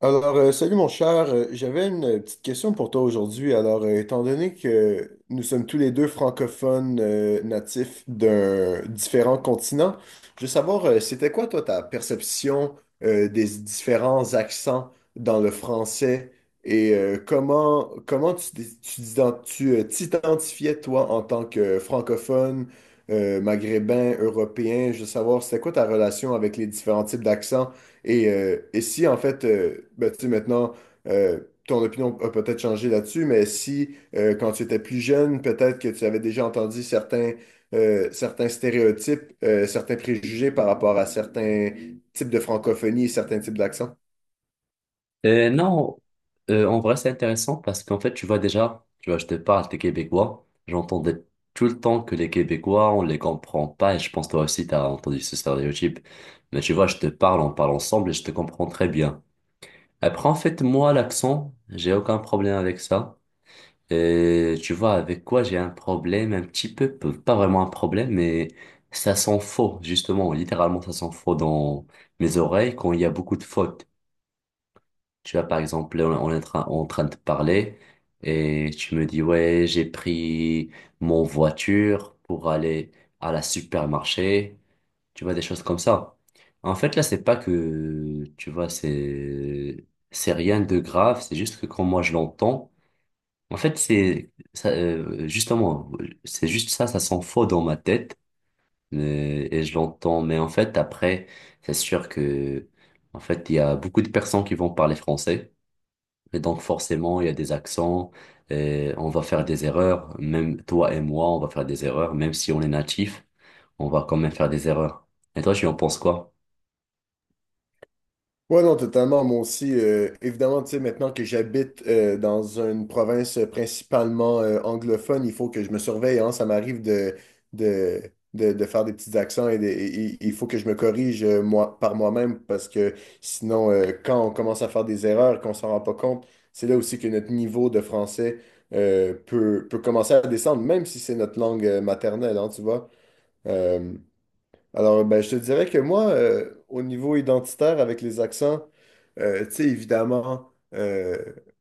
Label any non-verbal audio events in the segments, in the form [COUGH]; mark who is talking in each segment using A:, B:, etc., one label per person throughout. A: Salut mon cher. J'avais une petite question pour toi aujourd'hui. Étant donné que nous sommes tous les deux francophones natifs d'un différent continent, je veux savoir, c'était quoi toi ta perception des différents accents dans le français et comment t'identifiais toi en tant que francophone, maghrébin, européen? Je veux savoir, c'était quoi ta relation avec les différents types d'accents? Et si, en fait, tu sais, maintenant, euh, ton opinion a peut-être changé là-dessus, mais si, quand tu étais plus jeune, peut-être que tu avais déjà entendu certains stéréotypes, certains préjugés par rapport à certains types de francophonie et certains types d'accents.
B: Non, en vrai, c'est intéressant parce qu'en fait, tu vois déjà, tu vois, je te parle des Québécois. J'entendais tout le temps que les Québécois, on les comprend pas et je pense toi aussi, tu as entendu ce stéréotype. Mais tu vois, je te parle, on parle ensemble et je te comprends très bien. Après, en fait, moi, l'accent, j'ai aucun problème avec ça. Et tu vois, avec quoi j'ai un problème, un petit peu, pas vraiment un problème, mais ça sent faux, justement, littéralement, ça sent faux dans mes oreilles quand il y a beaucoup de fautes. Tu vois, par exemple, là, on est en train de parler et tu me dis, ouais, j'ai pris mon voiture pour aller à la supermarché. Tu vois, des choses comme ça. En fait, là, c'est pas que, tu vois, c'est rien de grave. C'est juste que quand moi je l'entends, en fait, c'est, ça, justement, c'est juste ça, ça s'en faux dans ma tête. Et je l'entends. Mais en fait, après, c'est sûr que, en fait, il y a beaucoup de personnes qui vont parler français. Et donc forcément, il y a des accents, et on va faire des erreurs, même toi et moi, on va faire des erreurs, même si on est natif, on va quand même faire des erreurs. Et toi, tu en penses quoi?
A: Ouais, non, totalement. Moi aussi, évidemment, tu sais, maintenant que j'habite dans une province principalement anglophone, il faut que je me surveille, hein. Ça m'arrive de, de, de, de faire des petits accents et il faut que je me corrige moi, par moi-même parce que sinon, quand on commence à faire des erreurs, qu'on s'en rend pas compte, c'est là aussi que notre niveau de français peut commencer à descendre, même si c'est notre langue maternelle, hein, tu vois. Euh, alors, ben, je te dirais que moi, au niveau identitaire avec les accents, tu sais, évidemment,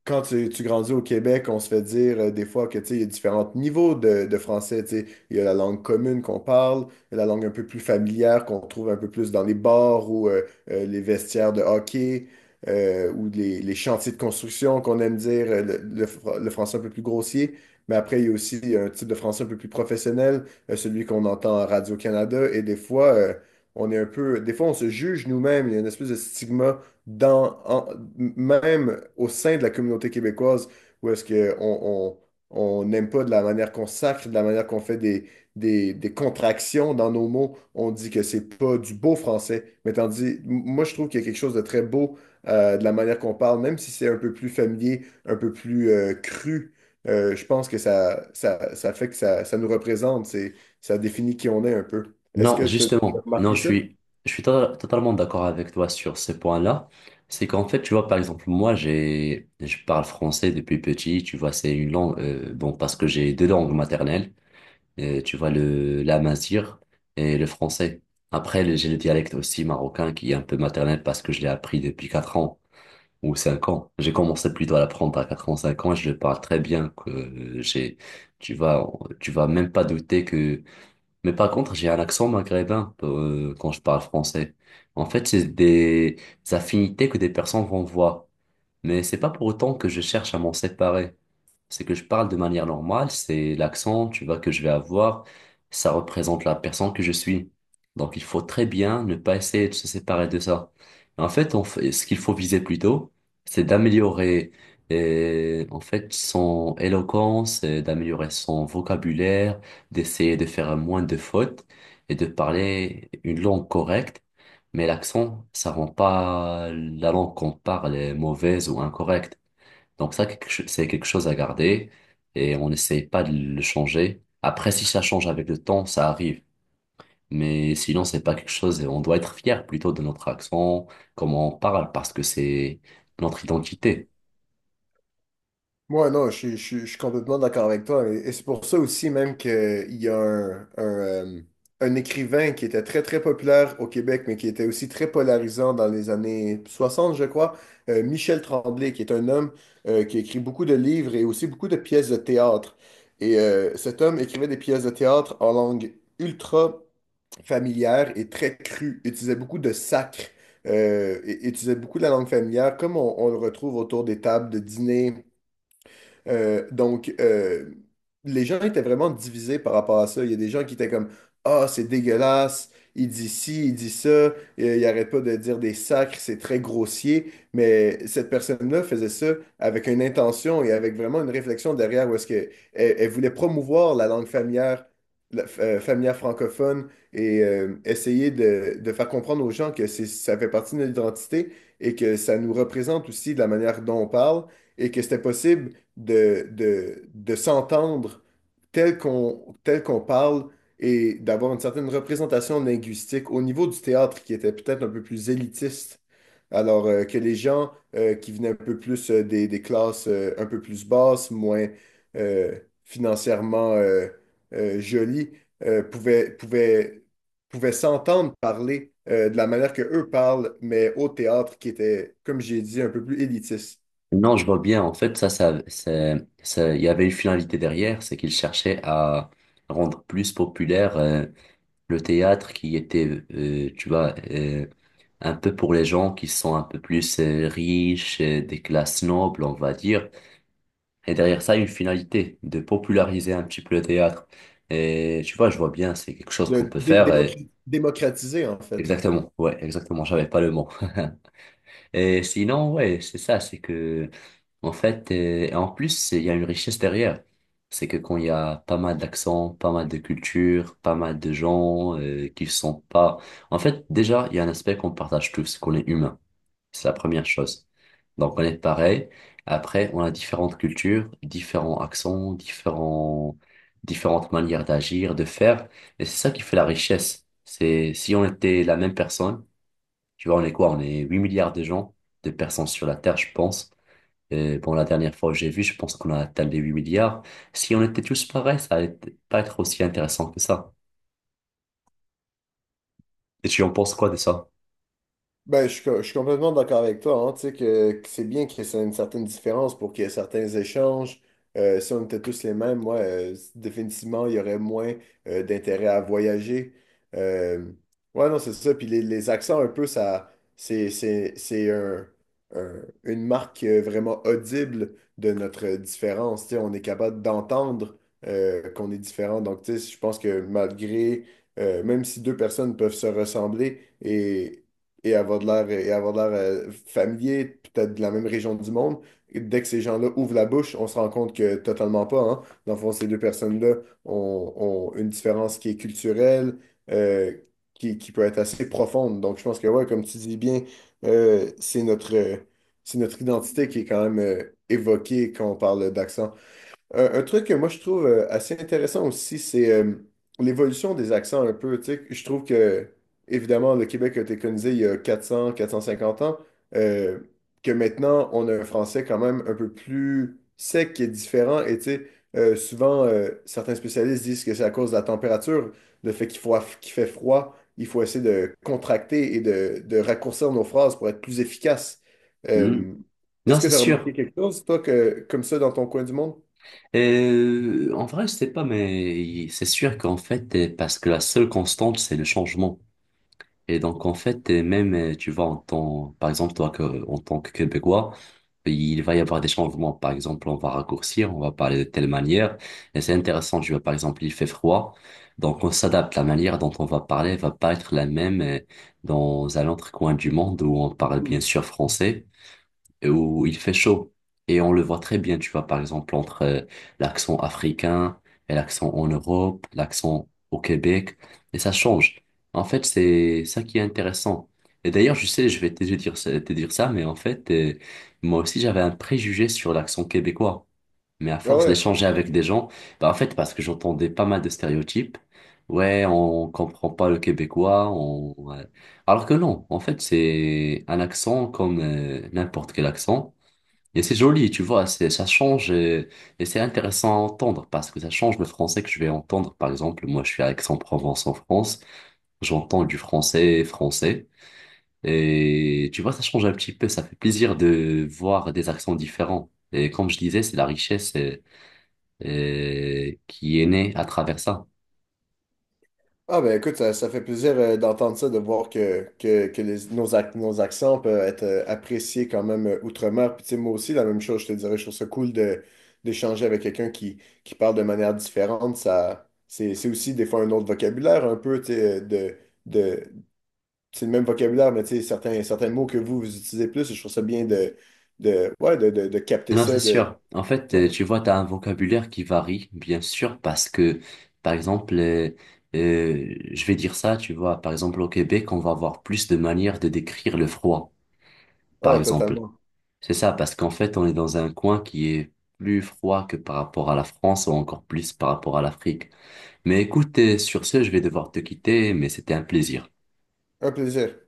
A: quand tu grandis au Québec, on se fait dire des fois que, tu sais, il y a différents niveaux de français, tu sais. Il y a la langue commune qu'on parle, il y a la langue un peu plus familière qu'on trouve un peu plus dans les bars ou les vestiaires de hockey ou les chantiers de construction qu'on aime dire, le français un peu plus grossier. Mais après, il y a aussi un type de français un peu plus professionnel, celui qu'on entend à Radio-Canada. Et des fois, on est un peu, des fois, on se juge nous-mêmes. Il y a une espèce de stigma dans, en- même au sein de la communauté québécoise où est-ce qu'on on n'aime pas de la manière qu'on sacre, de la manière qu'on fait des contractions dans nos mots. On dit que c'est pas du beau français. Mais tandis, moi, je trouve qu'il y a quelque chose de très beau de la manière qu'on parle, même si c'est un peu plus familier, un peu plus cru. Je pense que ça fait que ça nous représente. Ça définit qui on est un peu. Est-ce
B: Non,
A: que tu as
B: justement, non,
A: remarqué ça?
B: totalement d'accord avec toi sur ce point-là. C'est qu'en fait, tu vois, par exemple, moi, je parle français depuis petit, tu vois, c'est une langue, bon, parce que j'ai deux langues maternelles. Tu vois le l'amazigh et le français. Après, j'ai le dialecte aussi marocain qui est un peu maternel parce que je l'ai appris depuis 4 ans ou 5 ans. J'ai commencé plutôt à l'apprendre à 4 ans, 5 ans et je le parle très bien que j'ai tu vas tu vas même pas douter que mais par contre, j'ai un accent maghrébin quand je parle français. En fait, c'est des affinités que des personnes vont voir. Mais c'est pas pour autant que je cherche à m'en séparer. C'est que je parle de manière normale, c'est l'accent, tu vois, que je vais avoir, ça représente la personne que je suis. Donc il faut très bien ne pas essayer de se séparer de ça. En fait, ce qu'il faut viser plutôt, c'est d'améliorer en fait son éloquence, d'améliorer son vocabulaire, d'essayer de faire moins de fautes et de parler une langue correcte mais l'accent, ça rend pas la langue qu'on parle est mauvaise ou incorrecte. Donc ça, c'est quelque chose à garder et on n'essaye pas de le changer. Après, si ça change avec le temps, ça arrive. Mais sinon, c'est pas quelque chose et on doit être fier plutôt de notre accent, comment on parle, parce que c'est notre identité.
A: Moi, non, je suis complètement d'accord avec toi. Et c'est pour ça aussi même qu'il y a un un écrivain qui était très populaire au Québec, mais qui était aussi très polarisant dans les années 60, je crois, Michel Tremblay, qui est un homme qui écrit beaucoup de livres et aussi beaucoup de pièces de théâtre. Et cet homme écrivait des pièces de théâtre en langue ultra familière et très crue, utilisait beaucoup de sacre, et utilisait beaucoup de la langue familière, comme on le retrouve autour des tables de dîner, donc, les gens étaient vraiment divisés par rapport à ça. Il y a des gens qui étaient comme, ah, c'est dégueulasse, il dit ci, il dit ça, il arrête pas de dire des sacres, c'est très grossier. Mais cette personne-là faisait ça avec une intention et avec vraiment une réflexion derrière où est-ce que elle, elle voulait promouvoir la langue familière, familière francophone et essayer de faire comprendre aux gens que ça fait partie de notre identité et que ça nous représente aussi de la manière dont on parle et que c'était possible de s'entendre tel qu'on parle et d'avoir une certaine représentation linguistique au niveau du théâtre qui était peut-être un peu plus élitiste. Alors que les gens qui venaient un peu plus des classes un peu plus basses, moins financièrement jolies, euh, pouvaient, pouvaient, pouvaient s'entendre parler de la manière que eux parlent, mais au théâtre qui était, comme j'ai dit, un peu plus élitiste.
B: Non, je vois bien. En fait, ça, il y avait une finalité derrière, c'est qu'il cherchait à rendre plus populaire le théâtre qui était, euh, tu vois, euh, un peu pour les gens qui sont un peu plus riches, des classes nobles, on va dire. Et derrière ça, une finalité de populariser un petit peu le théâtre. Et tu vois, je vois bien, c'est quelque chose qu'on peut faire. Et-
A: Démocratiser, en fait.
B: Exactement, ouais, exactement, j'avais pas le mot. [LAUGHS] Et sinon, ouais, c'est ça, c'est que en fait, et en plus, il y a une richesse derrière. C'est que quand il y a pas mal d'accents, pas mal de cultures, pas mal de gens qui sont pas... En fait, déjà, il y a un aspect qu'on partage tous, c'est qu'on est humain. C'est la première chose. Donc, on est pareil. Après, on a différentes cultures, différents accents, différents... différentes manières d'agir, de faire. Et c'est ça qui fait la richesse. C'est si on était la même personne, tu vois, on est quoi? On est 8 milliards de gens, de personnes sur la Terre, je pense. Bon, la dernière fois que j'ai vu, je pense qu'on a atteint les 8 milliards. Si on était tous pareils, ça allait pas être aussi intéressant que ça. Et tu en penses quoi de ça?
A: Ben, je suis complètement d'accord avec toi, hein. Tu sais que c'est bien qu'il y ait une certaine différence pour qu'il y ait certains échanges. Si on était tous les mêmes, moi, définitivement, il y aurait moins d'intérêt à voyager. Euh, ouais, non, c'est ça. Puis les accents, un peu, ça, c'est une marque vraiment audible de notre différence. Tu sais, on est capable d'entendre qu'on est différent. Donc, tu sais, je pense que malgré, même si deux personnes peuvent se ressembler, et avoir de l'air familier, peut-être de la même région du monde. Et dès que ces gens-là ouvrent la bouche, on se rend compte que totalement pas, hein. Dans le fond, ces deux personnes-là ont une différence qui est culturelle, euh, qui peut être assez profonde. Donc, je pense que, ouais, comme tu dis bien, euh, c'est notre, euh, c'est notre identité qui est quand même évoquée quand on parle d'accent. Un truc que moi je trouve assez intéressant aussi, c'est l'évolution des accents un peu. Tu sais, je trouve que, évidemment, le Québec a été colonisé il y a quatre cent cinquante ans, euh, que maintenant on a un français quand même un peu plus sec qui est différent. Et tu sais, souvent, certains spécialistes disent que c'est à cause de la température, le fait qu'il faut, qu'il fait froid, il faut essayer de contracter et de raccourcir nos phrases pour être plus efficace.
B: Hmm.
A: Euh, Est-ce
B: Non,
A: que
B: c'est
A: tu as
B: sûr.
A: remarqué quelque chose, toi, que, comme ça dans ton coin du monde?
B: En vrai, je sais pas, mais c'est sûr qu'en fait, parce que la seule constante, c'est le changement. Et donc, en fait, et même, tu vois, en tant, par exemple, toi, que, en tant que Québécois, il va y avoir des changements. Par exemple, on va raccourcir, on va parler de telle manière. Et c'est intéressant, tu vois, par exemple, il fait froid. Donc, on s'adapte. La manière dont on va parler va pas être la même dans un autre coin du monde où on parle bien
A: Hmm.
B: sûr français où il fait chaud. Et on le voit très bien, tu vois, par exemple, entre l'accent africain et l'accent en Europe, l'accent au Québec, et ça change. En fait, c'est ça qui est intéressant. Et d'ailleurs, je sais, je vais te te dire ça, mais en fait, moi aussi, j'avais un préjugé sur l'accent québécois. Mais à
A: Ah
B: force
A: ouais.
B: d'échanger avec des gens, bah en fait, parce que j'entendais pas mal de stéréotypes, ouais, on comprend pas le québécois, on... ouais. Alors que non, en fait, c'est un accent comme n'importe quel accent. Et c'est joli, tu vois, c'est, ça change et, c'est intéressant à entendre parce que ça change le français que je vais entendre. Par exemple, moi, je suis à Aix-en-Provence en France, j'entends du français français et tu vois, ça change un petit peu, ça fait plaisir de voir des accents différents. Et comme je disais, c'est la richesse. Qui est né à travers ça.
A: Ah ben écoute, ça fait plaisir d'entendre ça, de voir que nos accents peuvent être appréciés quand même outre-mer. Puis tu sais, moi aussi, la même chose, je te dirais, je trouve ça cool de, d'échanger avec quelqu'un qui parle de manière différente. Ça, c'est aussi des fois un autre vocabulaire un peu, tu sais, de, c'est le même vocabulaire, mais tu sais, certains mots que vous utilisez plus, je trouve ça bien de capter
B: Non, c'est
A: ça. De,
B: sûr. En fait,
A: ouais.
B: tu vois, tu as un vocabulaire qui varie, bien sûr, parce que, par exemple, je vais dire ça, tu vois, par exemple, au Québec, on va avoir plus de manières de décrire le froid, par
A: Ah,
B: exemple.
A: totalement.
B: C'est ça, parce qu'en fait, on est dans un coin qui est plus froid que par rapport à la France ou encore plus par rapport à l'Afrique. Mais écoute, sur ce, je vais devoir te quitter, mais c'était un plaisir.
A: Un plaisir.